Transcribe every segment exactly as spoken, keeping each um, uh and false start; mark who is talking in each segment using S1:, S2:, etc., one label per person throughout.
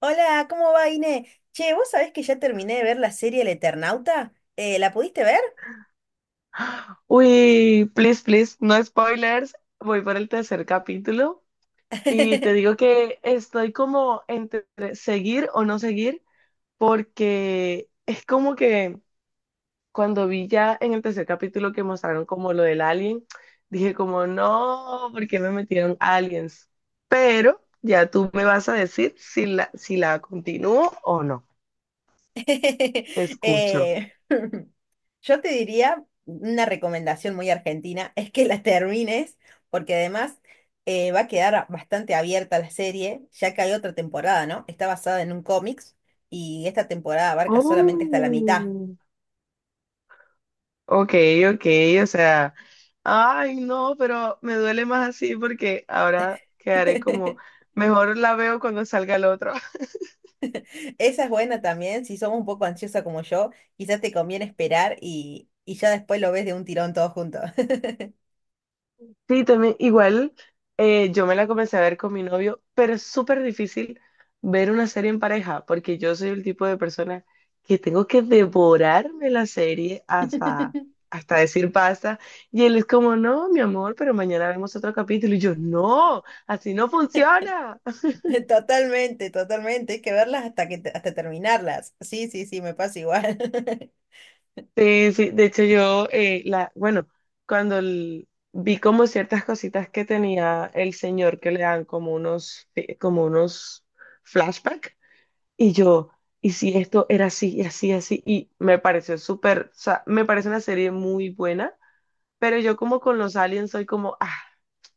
S1: Hola, ¿cómo va, Ine? Che, ¿vos sabés que ya terminé de ver la serie El Eternauta? Eh, ¿la pudiste ver?
S2: Uy, please, please, no spoilers. Voy por el tercer capítulo y te digo que estoy como entre seguir o no seguir porque es como que cuando vi ya en el tercer capítulo que mostraron como lo del alien, dije como no, ¿por qué me metieron aliens? Pero ya tú me vas a decir si la, si la continúo o no. Te escucho.
S1: Eh, yo te diría una recomendación muy argentina, es que la termines, porque además eh, va a quedar bastante abierta la serie, ya que hay otra temporada, ¿no? Está basada en un cómics y esta temporada abarca solamente hasta la mitad.
S2: Oh. Ok, ok, o sea, ay, no, pero me duele más así porque ahora quedaré como, mejor la veo cuando salga el otro.
S1: Esa es buena también, si somos un poco ansiosa como yo, quizás te conviene esperar y, y ya después lo ves de un tirón todo junto.
S2: Sí, también, igual, eh, yo me la comencé a ver con mi novio, pero es súper difícil ver una serie en pareja porque yo soy el tipo de persona que tengo que devorarme la serie hasta, hasta decir basta. Y él es como, no, mi amor, pero mañana vemos otro capítulo. Y yo, no, así no funciona.
S1: Totalmente, totalmente, hay que verlas hasta que te- hasta terminarlas. Sí, sí, sí, me pasa igual.
S2: Sí, sí, de hecho yo, eh, la, bueno, cuando el- vi como ciertas cositas que tenía el señor que le dan como unos, eh, como unos flashback, y yo, y si esto era así, y así, así, y me pareció súper, o sea, me parece una serie muy buena, pero yo como con los aliens soy como, ah,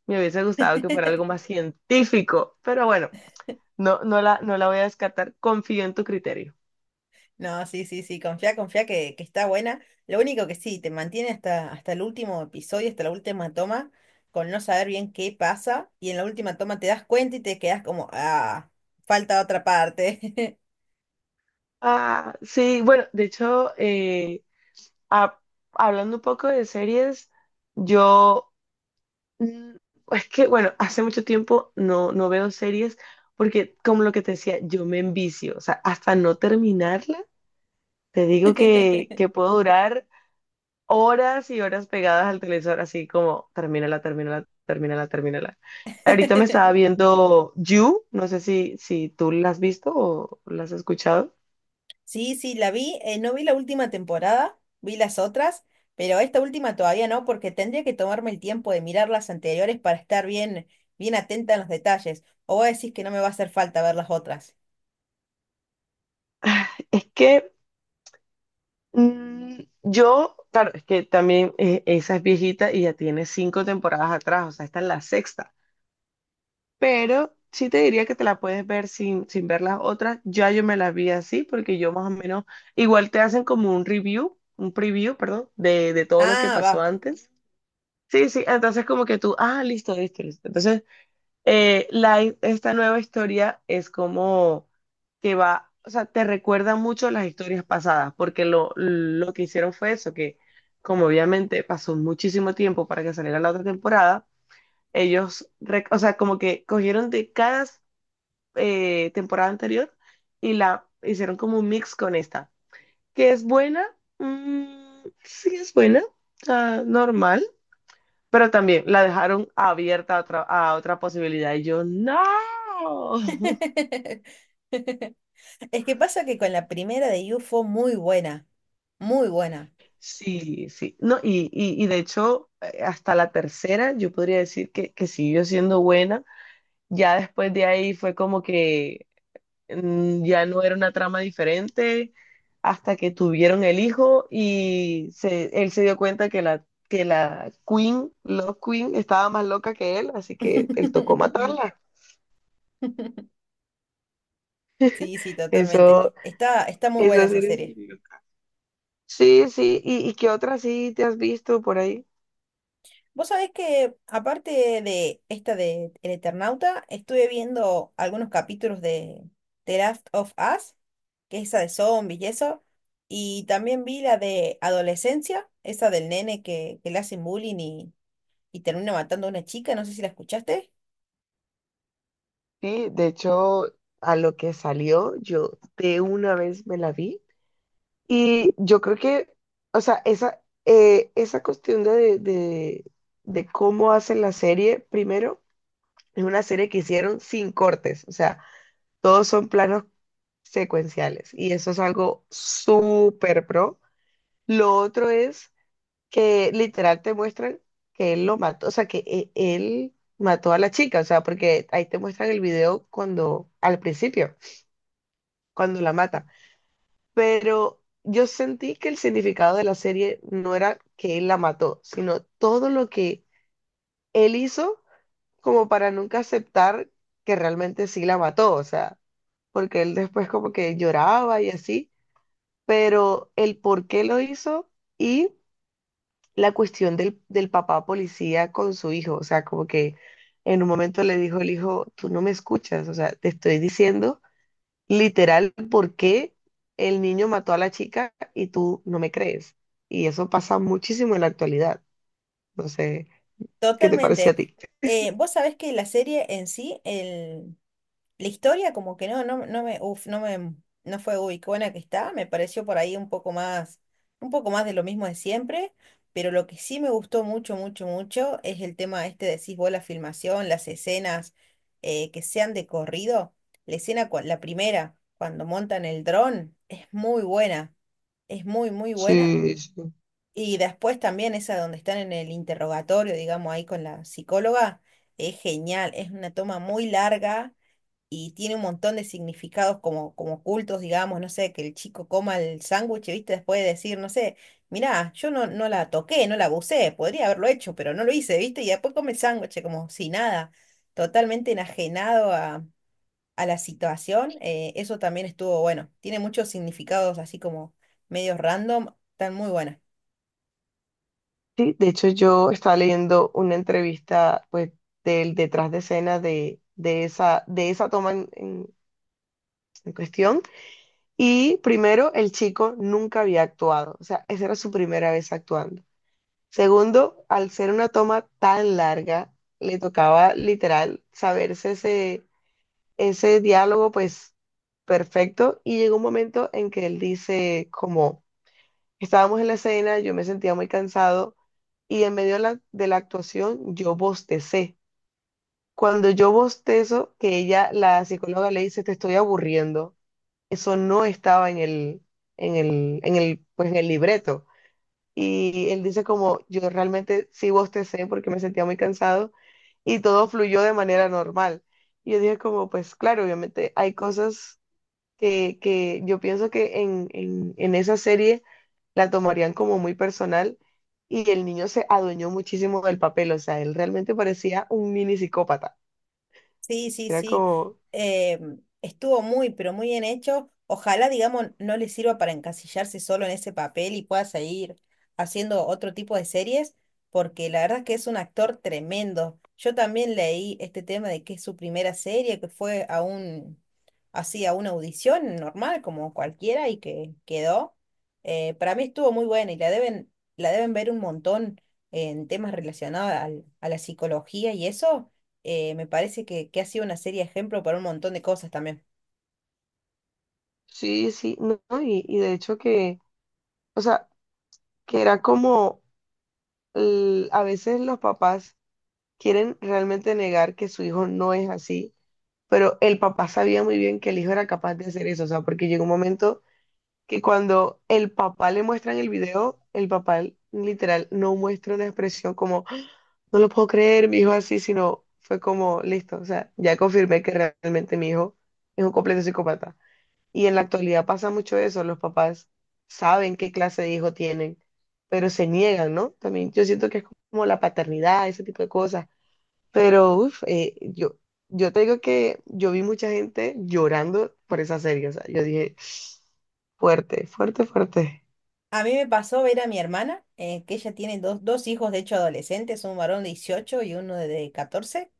S2: me hubiese gustado que fuera algo más científico, pero bueno, no, no la, no la voy a descartar, confío en tu criterio.
S1: No, sí, sí, sí, confía, confía que, que está buena. Lo único que sí, te mantiene hasta, hasta el último episodio, hasta la última toma, con no saber bien qué pasa, y en la última toma te das cuenta y te quedas como, ah, falta otra parte.
S2: Ah, sí, bueno, de hecho, eh, ha- hablando un poco de series, yo, mm, es que, bueno, hace mucho tiempo no, no veo series porque, como lo que te decía, yo me envicio, o sea, hasta no terminarla, te digo que, que puedo durar horas y horas pegadas al televisor, así como, termínala, termínala, termínala, termínala. Ahorita me estaba viendo You, no sé si, si tú la has visto o la has escuchado.
S1: Sí, sí, la vi. Eh, no vi la última temporada, vi las otras, pero esta última todavía no, porque tendría que tomarme el tiempo de mirar las anteriores para estar bien, bien atenta en los detalles. O vos decís que no me va a hacer falta ver las otras.
S2: Es que... Mm, yo, claro, es que también eh, esa es viejita y ya tiene cinco temporadas atrás, o sea, esta es la sexta. Pero sí te diría que te la puedes ver sin, sin ver las otras. Ya yo me las vi así, porque yo más o menos, igual te hacen como un review, un preview, perdón, de, de todo lo que
S1: Ah,
S2: pasó
S1: va.
S2: antes. Sí, sí, entonces como que tú, ah, listo, listo, listo. Entonces eh, la, hi- esta nueva historia es como que va, o sea, te recuerda mucho las historias pasadas, porque lo, lo que hicieron fue eso, que como obviamente pasó muchísimo tiempo para que saliera la otra temporada, ellos, re- o sea, como que cogieron de cada eh, temporada anterior y la hicieron como un mix con esta, que es buena, mm, sí es buena, ah, normal, pero también la dejaron abierta a otra, a otra posibilidad. Y yo, no.
S1: Es que pasa que con la primera de You fue muy buena, muy buena.
S2: Sí, sí. No, y, y, y de hecho, eh, hasta la tercera, yo podría decir que, que siguió siendo buena. Ya después de ahí fue como que mm, ya no era una trama diferente hasta que tuvieron el hijo y se, él se dio cuenta que la, que la Queen, Love Queen, estaba más loca que él, así que él tocó matarla.
S1: Sí, sí, totalmente.
S2: Eso,
S1: Está, está muy buena
S2: eso
S1: esa serie.
S2: sí. Sí, sí. ¿Y, y qué otra sí te has visto por ahí?
S1: Vos sabés que, aparte de esta de El Eternauta, estuve viendo algunos capítulos de The Last of Us, que es esa de zombies y eso, y también vi la de Adolescencia, esa del nene que, que le hacen bullying y, y termina matando a una chica, no sé si la escuchaste.
S2: Sí, de hecho, a lo que salió, yo de una vez me la vi y yo creo que, o sea, esa, eh, esa cuestión de, de, de cómo hacen la serie, primero, es una serie que hicieron sin cortes, o sea, todos son planos secuenciales y eso es algo súper pro. Lo otro es que literal te muestran que él lo mató, o sea, que e- él mató a la chica, o sea, porque ahí te muestran el video cuando, al principio, cuando la mata. Pero yo sentí que el significado de la serie no era que él la mató, sino todo lo que él hizo como para nunca aceptar que realmente sí la mató, o sea, porque él después como que lloraba y así, pero el por qué lo hizo. Y la cuestión del, del papá policía con su hijo, o sea, como que en un momento le dijo el hijo, tú no me escuchas, o sea, te estoy diciendo literal por qué el niño mató a la chica y tú no me crees. Y eso pasa muchísimo en la actualidad. No sé, ¿qué te parece a
S1: Totalmente.
S2: ti?
S1: Eh, vos sabés que la serie en sí, la historia como que no, no, no me, uf, no me, no fue uy, qué buena que está, me pareció por ahí un poco más, un poco más de lo mismo de siempre, pero lo que sí me gustó mucho, mucho, mucho es el tema este, decís vos, la filmación, las escenas eh, que sean de corrido, la escena, cua- la primera, cuando montan el dron, es muy buena, es muy, muy buena,
S2: Sí, sí.
S1: y después también esa donde están en el interrogatorio, digamos, ahí con la psicóloga, es genial, es una toma muy larga y tiene un montón de significados como, como ocultos, digamos, no sé, que el chico coma el sándwich, ¿viste? Después de decir, no sé, mirá, yo no, no la toqué, no la abusé, podría haberlo hecho, pero no lo hice, ¿viste? Y después come el sándwich como si nada, totalmente enajenado a, a la situación. Eh, eso también estuvo bueno, tiene muchos significados así como medios random, están muy buenas.
S2: Sí, de hecho yo estaba leyendo una entrevista pues del detrás de escena de, de esa, de esa toma en, en- en cuestión y primero el chico nunca había actuado, o sea, esa era su primera vez actuando. Segundo, al ser una toma tan larga, le tocaba literal saberse ese, ese diálogo pues perfecto, y llegó un momento en que él dice como... Estábamos en la escena, yo me sentía muy cansado y en medio de la, de la actuación yo bostecé. Cuando yo bostezo, que ella, la psicóloga le dice, te estoy aburriendo. Eso no estaba en el, en el, en el, pues en el libreto. Y él dice como, yo realmente sí bostecé porque me sentía muy cansado y todo fluyó de manera normal. Y yo dije como, pues claro, obviamente hay cosas que, que yo pienso que en, en en esa serie la tomarían como muy personal, y el niño se adueñó muchísimo del papel, o sea, él realmente parecía un mini psicópata.
S1: Sí, sí,
S2: Era
S1: sí.
S2: como,
S1: Eh, estuvo muy, pero muy bien hecho. Ojalá, digamos, no le sirva para encasillarse solo en ese papel y pueda seguir haciendo otro tipo de series, porque la verdad es que es un actor tremendo. Yo también leí este tema de que es su primera serie, que fue a un, así, a una audición normal, como cualquiera, y que quedó. Eh, para mí estuvo muy buena y la deben, la deben ver un montón en temas relacionados al- a la psicología y eso eh, me parece que, que ha sido una serie de ejemplo para un montón de cosas también.
S2: sí, sí, no, no, y, y de hecho que, o sea, que era como, l- a veces los papás quieren realmente negar que su hijo no es así, pero el papá sabía muy bien que el hijo era capaz de hacer eso, o sea, porque llegó un momento que cuando el papá le muestran el video, el papá literal no muestra una expresión como... No lo puedo creer, mi hijo así, sino fue como, listo, o sea, ya confirmé que realmente mi hijo es un completo psicópata. Y en la actualidad pasa mucho eso, los papás saben qué clase de hijo tienen, pero se niegan, ¿no? También yo siento que es como la paternidad, ese tipo de cosas. Pero, uff, yo, yo te digo que yo vi mucha gente llorando por esa serie, o sea, yo dije, fuerte, fuerte, fuerte.
S1: A mí me pasó ver a mi hermana, eh, que ella tiene dos, dos hijos, de hecho adolescentes, un varón de dieciocho y uno de catorce.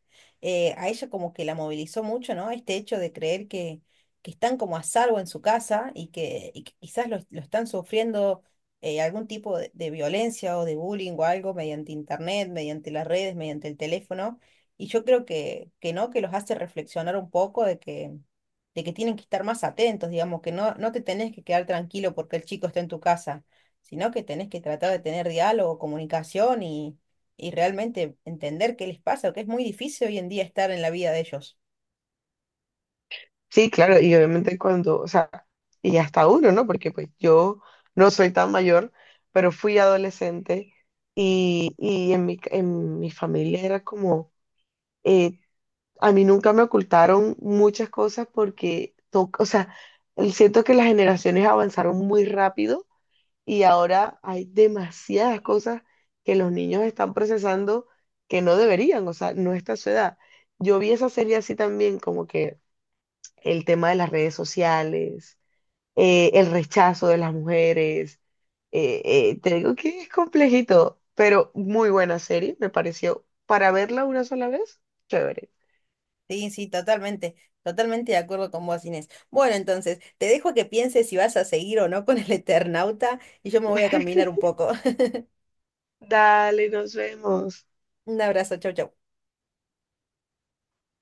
S1: Eh, a ella como que la movilizó mucho, ¿no? Este hecho de creer que, que están como a salvo en su casa y que, y que quizás lo, lo están sufriendo eh, algún tipo de, de violencia o de bullying o algo mediante internet, mediante las redes, mediante el teléfono. Y yo creo que, que no, que los hace reflexionar un poco de que de que tienen que estar más atentos, digamos, que no, no te tenés que quedar tranquilo porque el chico está en tu casa sino que tenés que tratar de tener diálogo, comunicación y, y realmente entender qué les pasa, que es muy difícil hoy en día estar en la vida de ellos.
S2: Sí, claro, y obviamente cuando, o sea, y hasta uno, ¿no? Porque pues yo no soy tan mayor, pero fui adolescente y, y en mi, en mi familia era como, eh, a mí nunca me ocultaron muchas cosas porque, to- o sea, siento que las generaciones avanzaron muy rápido y ahora hay demasiadas cosas que los niños están procesando que no deberían, o sea, no está a su edad. Yo vi esa serie así también, como que el tema de las redes sociales, eh, el rechazo de las mujeres. Eh, eh, te digo que es complejito, pero muy buena serie, me pareció. Para verla una sola vez, chévere.
S1: Sí, sí, totalmente, totalmente de acuerdo con vos, Inés. Bueno, entonces, te dejo a que pienses si vas a seguir o no con el Eternauta y yo me voy a caminar un poco.
S2: Dale, nos vemos.
S1: Un abrazo, chau, chau.